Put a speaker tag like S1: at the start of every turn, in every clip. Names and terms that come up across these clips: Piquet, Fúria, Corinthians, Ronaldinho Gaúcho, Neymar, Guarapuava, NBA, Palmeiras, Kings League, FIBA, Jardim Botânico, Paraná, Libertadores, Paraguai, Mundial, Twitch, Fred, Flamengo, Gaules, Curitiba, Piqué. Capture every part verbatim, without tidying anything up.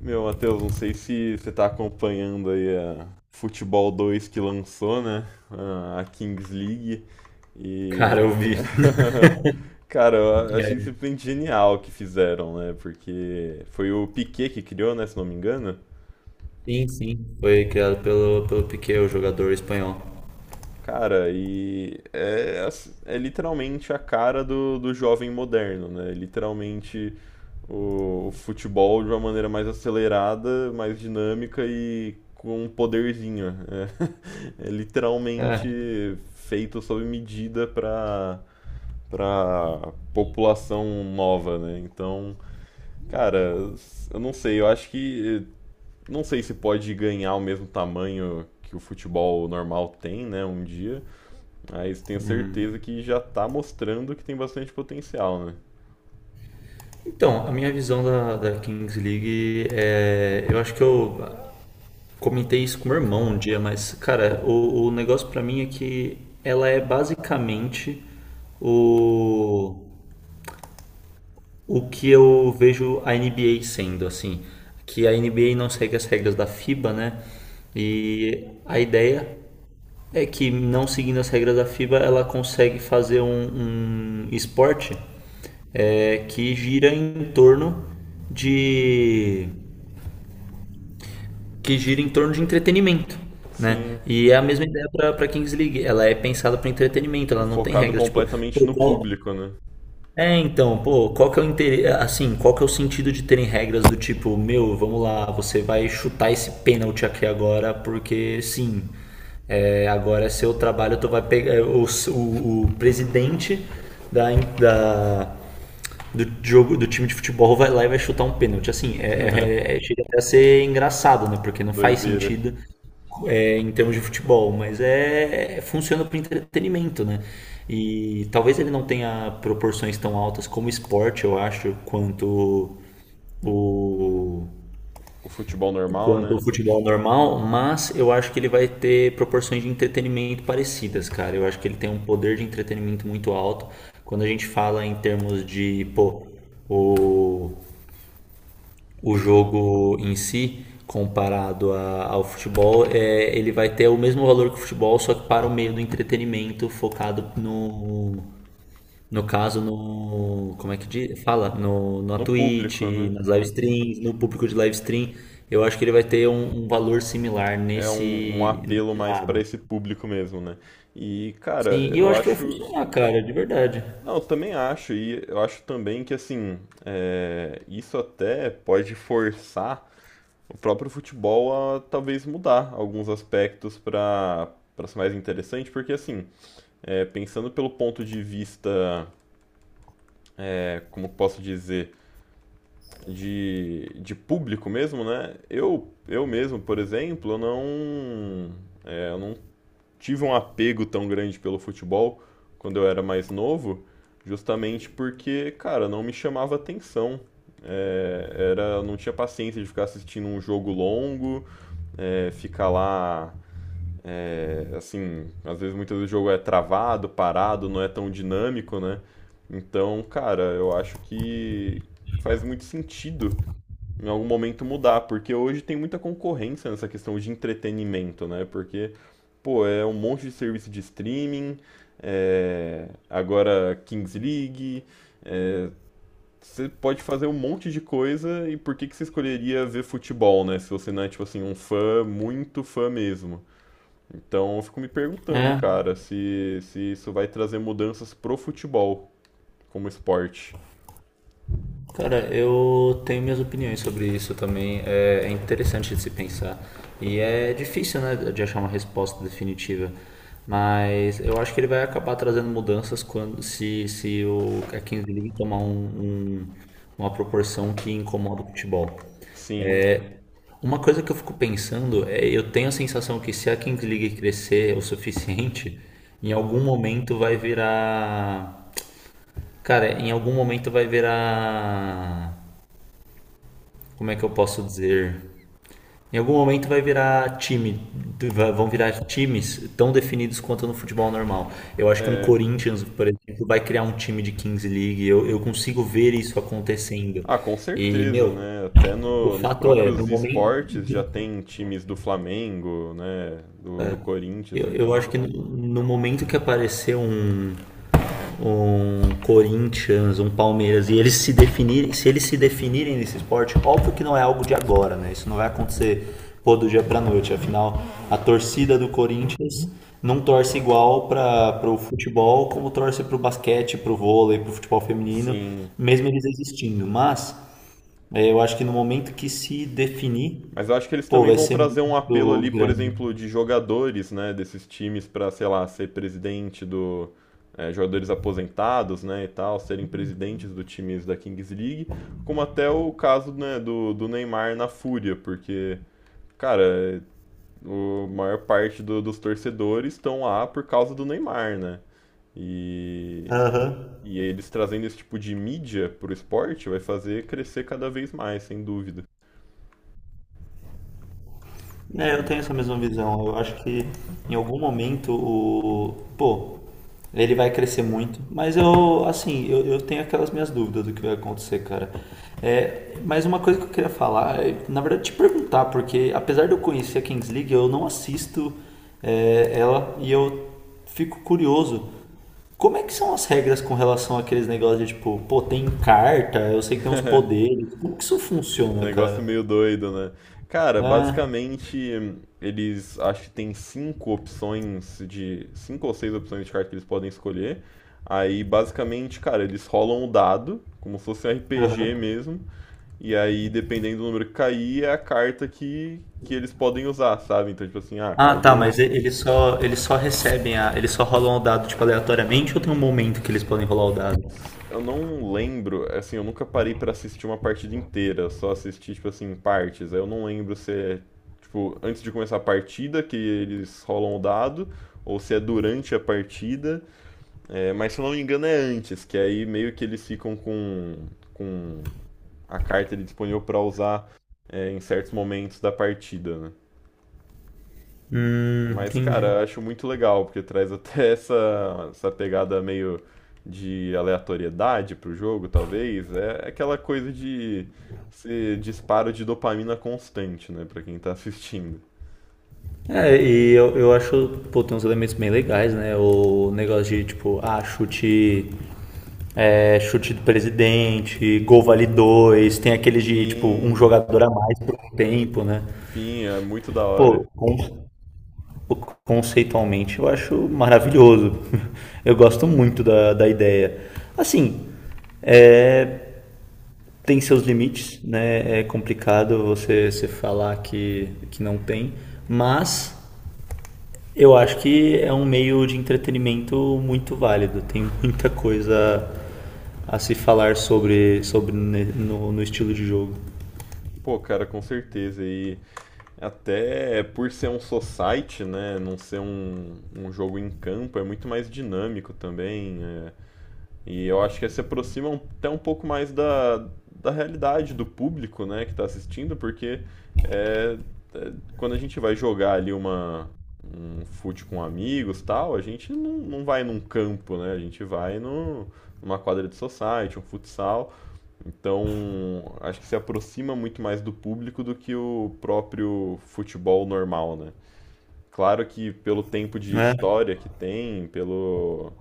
S1: Meu, Matheus, não sei se você tá acompanhando aí a Futebol dois que lançou, né? A a Kings League.
S2: Cara,
S1: E.
S2: eu vi.
S1: Cara, eu achei
S2: É,
S1: simplesmente genial o que fizeram, né? Porque foi o Piquet que criou, né? Se não me engano.
S2: sim, sim. Foi criado pelo, pelo Piqué, o jogador espanhol.
S1: Cara, e é, ass- é literalmente a cara do, do jovem moderno, né? Literalmente o, o futebol de uma maneira mais acelerada, mais dinâmica e com um poderzinho. É, é
S2: É.
S1: literalmente feito sob medida para para população nova, né? Então, cara, eu não sei, eu acho que não sei se pode ganhar o mesmo tamanho que o futebol normal tem, né, um dia, mas tenho certeza que já tá mostrando que tem bastante potencial, né?
S2: Então, a minha visão da, da Kings League é... Eu acho que eu comentei isso com meu irmão um dia, mas, cara, o, o negócio pra mim é que ela é basicamente o, o que eu vejo a N B A sendo, assim. Que a N B A não segue as regras da FIBA, né? E a ideia é que, não seguindo as regras da FIBA, ela consegue fazer um, um esporte é, que gira em torno de... que gira em torno de entretenimento, né?
S1: Sim,
S2: E é a mesma ideia para a Kings League. Ela é pensada para entretenimento.
S1: é
S2: Ela não tem
S1: focado
S2: regras tipo
S1: completamente
S2: pô,
S1: no
S2: qual...
S1: público, né?
S2: é, então, pô, qual que é o interesse, assim, qual que é o sentido de terem regras do tipo, meu, vamos lá, você vai chutar esse pênalti aqui agora, porque sim, é, agora é seu trabalho, tu vai pegar, o, o, o presidente da, da, do jogo do time de futebol vai lá e vai chutar um pênalti. Assim, é, é- é- é, chega até a ser engraçado, né? Porque não faz
S1: Doideira.
S2: sentido é, em termos de futebol, mas é, é- funciona para entretenimento, né? E talvez ele não tenha proporções tão altas como esporte, eu acho, quanto o...
S1: O futebol normal,
S2: quanto
S1: né?
S2: o futebol normal, mas eu acho que ele vai ter proporções de entretenimento parecidas, cara. Eu acho que ele tem um poder de entretenimento muito alto. Quando a gente fala em termos de, pô, o, o jogo em si comparado a- ao futebol, é, ele vai ter o mesmo valor que o futebol, só que para o meio do entretenimento focado no, no caso, no... Como é que diz? Fala? No, na
S1: No
S2: Twitch,
S1: público, né?
S2: nas live streams, no público de live stream. Eu acho que ele vai ter um, um valor similar
S1: É um, um
S2: nesse,
S1: apelo
S2: nesse
S1: mais pra
S2: lado.
S1: esse público mesmo, né? E, cara,
S2: Sim, e eu
S1: eu
S2: acho que vai
S1: acho.
S2: funcionar, cara, de verdade.
S1: Não, eu também acho, e eu acho também que, assim, é, isso até pode forçar o próprio futebol a talvez mudar alguns aspectos pra para ser mais interessante, porque, assim, é, pensando pelo ponto de vista, é, como posso dizer, de, de público mesmo, né? Eu, eu mesmo, por exemplo, eu não, é, eu não tive um apego tão grande pelo futebol quando eu era mais novo, justamente porque, cara, não me chamava atenção. É, era, eu não tinha paciência de ficar assistindo um jogo longo, é, ficar lá, é, assim, às vezes muitas vezes o jogo é travado, parado, não é tão dinâmico, né? Então, cara, eu acho que faz muito sentido em algum momento mudar, porque hoje tem muita concorrência nessa questão de entretenimento, né? Porque, pô, é um monte de serviço de streaming, é, agora Kings League, você pode fazer um monte de coisa e por que que você escolheria ver futebol, né? Se você não é, tipo assim, um fã, muito fã mesmo. Então eu fico me perguntando,
S2: É.
S1: cara, se, se isso vai trazer mudanças pro futebol como esporte.
S2: Cara, eu tenho minhas opiniões sobre isso também. É é interessante de se pensar. E é difícil, né, de achar uma resposta definitiva. Mas eu acho que ele vai acabar trazendo mudanças quando se, se o, a Kings League tomar um, um- uma proporção que incomoda o futebol.
S1: Sim,
S2: Uma coisa que eu fico pensando é, eu tenho a sensação que se a Kings League crescer o suficiente, em algum momento vai virar, cara, em algum momento vai virar... como é que eu posso dizer? Em algum momento vai virar time, vão virar times tão definidos quanto no futebol normal. Eu acho que um
S1: é.
S2: Corinthians, por exemplo, vai criar um time de Kings League. Eu, eu consigo ver isso acontecendo.
S1: Ah, com
S2: E,
S1: certeza,
S2: meu,
S1: né? Até
S2: o
S1: no- nos
S2: fato é, no
S1: próprios
S2: momento,
S1: esportes já tem times do Flamengo, né? Do, do Corinthians,
S2: eu, eu acho
S1: então.
S2: que no, no momento que aparecer um, um Corinthians, um Palmeiras, e eles se definirem, se eles se definirem nesse esporte, óbvio que não é algo de agora, né? Isso não vai acontecer pô, do dia pra noite. Afinal, a torcida do Corinthians não torce igual para o futebol como torce para o basquete, para o vôlei, para o futebol feminino,
S1: Sim.
S2: mesmo eles existindo. Mas é, eu acho que no momento que se definir,
S1: Mas eu acho que eles
S2: pô,
S1: também
S2: vai
S1: vão
S2: ser
S1: trazer um apelo
S2: muito
S1: ali, por
S2: grande.
S1: exemplo, de jogadores, né? Desses times para, sei lá, ser presidente do. É, jogadores aposentados, né? E tal, serem presidentes do times da Kings League. Como até o caso, né, do, do Neymar na Fúria, porque, cara, o maior parte do- dos torcedores estão lá por causa do Neymar, né? E,
S2: Aham.
S1: e eles trazendo esse tipo de mídia pro esporte vai fazer crescer cada vez mais, sem dúvida.
S2: É, eu
S1: E.
S2: tenho essa mesma visão. Eu acho que em algum momento o... Pô, ele vai crescer muito. Mas eu, assim, eu, eu tenho aquelas minhas dúvidas do que vai acontecer, cara. É, mas uma coisa que eu queria falar, é, na verdade, te perguntar, porque apesar de eu conhecer a Kings League, eu não assisto é, ela e eu fico curioso. Como é que são as regras com relação àqueles negócios de tipo, pô, tem carta, eu sei que tem uns poderes. Como que isso funciona,
S1: Negócio
S2: cara?
S1: meio doido, né? Cara,
S2: Ah,
S1: basicamente, eles acho que tem cinco opções de. Cinco ou seis opções de carta que eles podem escolher. Aí, basicamente, cara, eles rolam o dado, como se fosse um R P G
S2: aham.
S1: mesmo. E aí, dependendo do número que cair, é a carta que, que eles podem usar, sabe? Então, tipo assim, ah,
S2: Ah, tá,
S1: caiu.
S2: mas e- eles só, eles só recebem a... Eles só rolam o dado, tipo, aleatoriamente ou tem um momento que eles podem rolar o dado?
S1: Eu não lembro, assim, eu nunca parei pra assistir uma partida inteira, só assisti, tipo assim, em partes. Aí eu não lembro se é, tipo, antes de começar a partida que eles rolam o dado, ou se é durante a partida. É, mas se eu não me engano é antes, que aí meio que eles ficam com, com a carta ali disponível pra usar, é, em certos momentos da partida, né?
S2: Hum,
S1: Mas, cara,
S2: entendi.
S1: eu acho muito legal, porque traz até essa, essa pegada meio de aleatoriedade pro jogo, talvez. É é aquela coisa de ser disparo de dopamina constante, né, pra quem tá assistindo.
S2: É, e eu, eu acho, pô, tem uns elementos bem legais, né? O negócio de, tipo, ah, chute... é, chute do presidente, gol vale dois, tem aquele de, tipo, um
S1: Sim,
S2: jogador a mais por um tempo, né?
S1: sim, é muito da
S2: Pô,
S1: hora.
S2: con- conceitualmente eu acho maravilhoso. Eu gosto muito da, da ideia. Assim, é, tem seus limites, né? É complicado você, você falar que, que não tem, mas eu acho que é um meio de entretenimento muito válido. Tem muita coisa a se falar sobre, sobre no, no estilo de jogo.
S1: Pô, cara, com certeza. E até por ser um society, né, não ser um, um jogo em campo, é muito mais dinâmico também. é, E eu acho que se aproxima um- até um pouco mais da, da realidade do público, né, que está assistindo, porque é, é, quando a gente vai jogar ali uma, um fute com amigos tal, a gente não, não vai num campo, né, a gente vai no, numa quadra de society, um futsal. Então, acho que se aproxima muito mais do público do que o próprio futebol normal, né. Claro que pelo tempo de
S2: Né?
S1: história que tem, pelo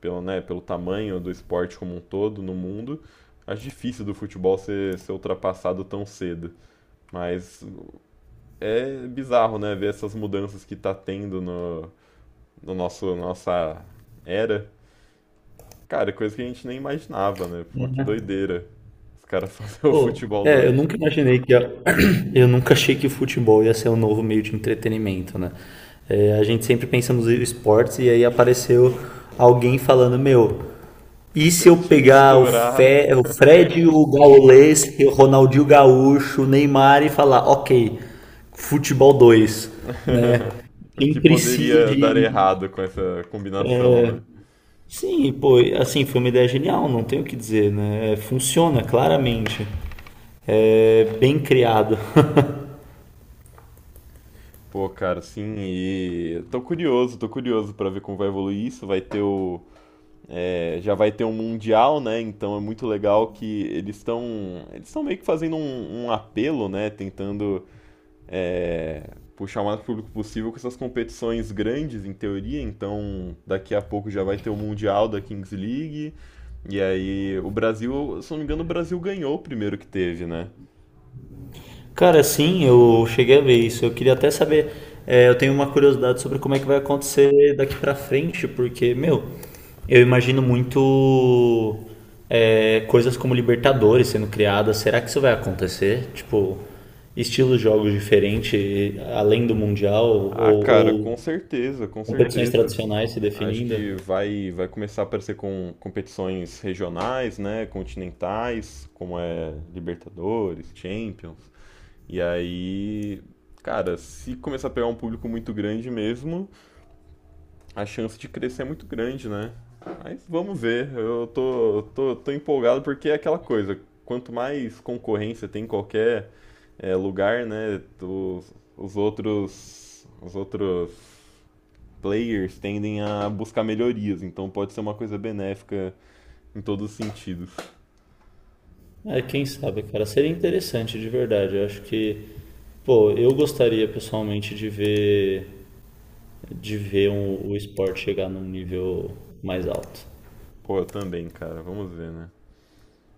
S1: pelo, né, pelo tamanho do esporte como um todo no mundo, acho difícil do futebol ser, ser ultrapassado tão cedo. Mas é bizarro, né, ver essas mudanças que tá tendo no, no nosso nossa era. Cara, é coisa que a gente nem imaginava, né? Pô, que
S2: É.
S1: doideira. Os caras fazer o
S2: Pô,
S1: futebol
S2: é, eu
S1: doido.
S2: nunca imaginei que a... eu nunca achei que o futebol ia ser um novo meio de entretenimento, né? É, a gente sempre pensa nos esportes e aí apareceu alguém falando, meu, e
S1: Se a
S2: se eu
S1: gente
S2: pegar o,
S1: misturar
S2: Fe... o Fred, o Gaules, o Ronaldinho Gaúcho, o Neymar e falar, ok, futebol dois, né?
S1: o que
S2: Quem precisa
S1: poderia dar
S2: de...
S1: errado com essa combinação, né?
S2: Sim, pô, assim, foi uma ideia genial, não tenho o que dizer, né? Funciona claramente, é bem criado.
S1: Pô, cara, sim, e tô curioso, tô curioso pra ver como vai evoluir isso. Vai ter o, é, já vai ter um mundial, né? Então é muito legal que eles estão eles estão meio que fazendo um, um apelo, né? Tentando é, puxar o mais público possível com essas competições grandes, em teoria. Então daqui a pouco já vai ter o mundial da Kings League. E aí o Brasil, se não me engano, o Brasil ganhou o primeiro que teve, né?
S2: Cara, sim, eu cheguei a ver isso. Eu queria até saber, é, eu tenho uma curiosidade sobre como é que vai acontecer daqui pra frente, porque, meu, eu imagino muito é, coisas como Libertadores sendo criadas. Será que isso vai acontecer? Tipo, estilos de jogos diferentes, além do Mundial,
S1: Ah,
S2: ou,
S1: cara, com
S2: ou
S1: certeza, com
S2: competições
S1: certeza.
S2: tradicionais se
S1: Acho
S2: definindo?
S1: que vai, vai começar a aparecer com competições regionais, né? Continentais, como é Libertadores, Champions. E aí, cara, se começar a pegar um público muito grande mesmo, a chance de crescer é muito grande, né? Mas vamos ver. Eu tô, eu tô, tô empolgado porque é aquela coisa. Quanto mais concorrência tem em qualquer eh, lugar, né? Os, os outros. Os outros players tendem a buscar melhorias, então pode ser uma coisa benéfica em todos os sentidos.
S2: É, quem sabe, cara. Seria interessante, de verdade. Eu acho que, pô, eu gostaria pessoalmente de ver... de ver um- o esporte chegar num nível mais alto.
S1: Pô, eu também, cara, vamos ver, né?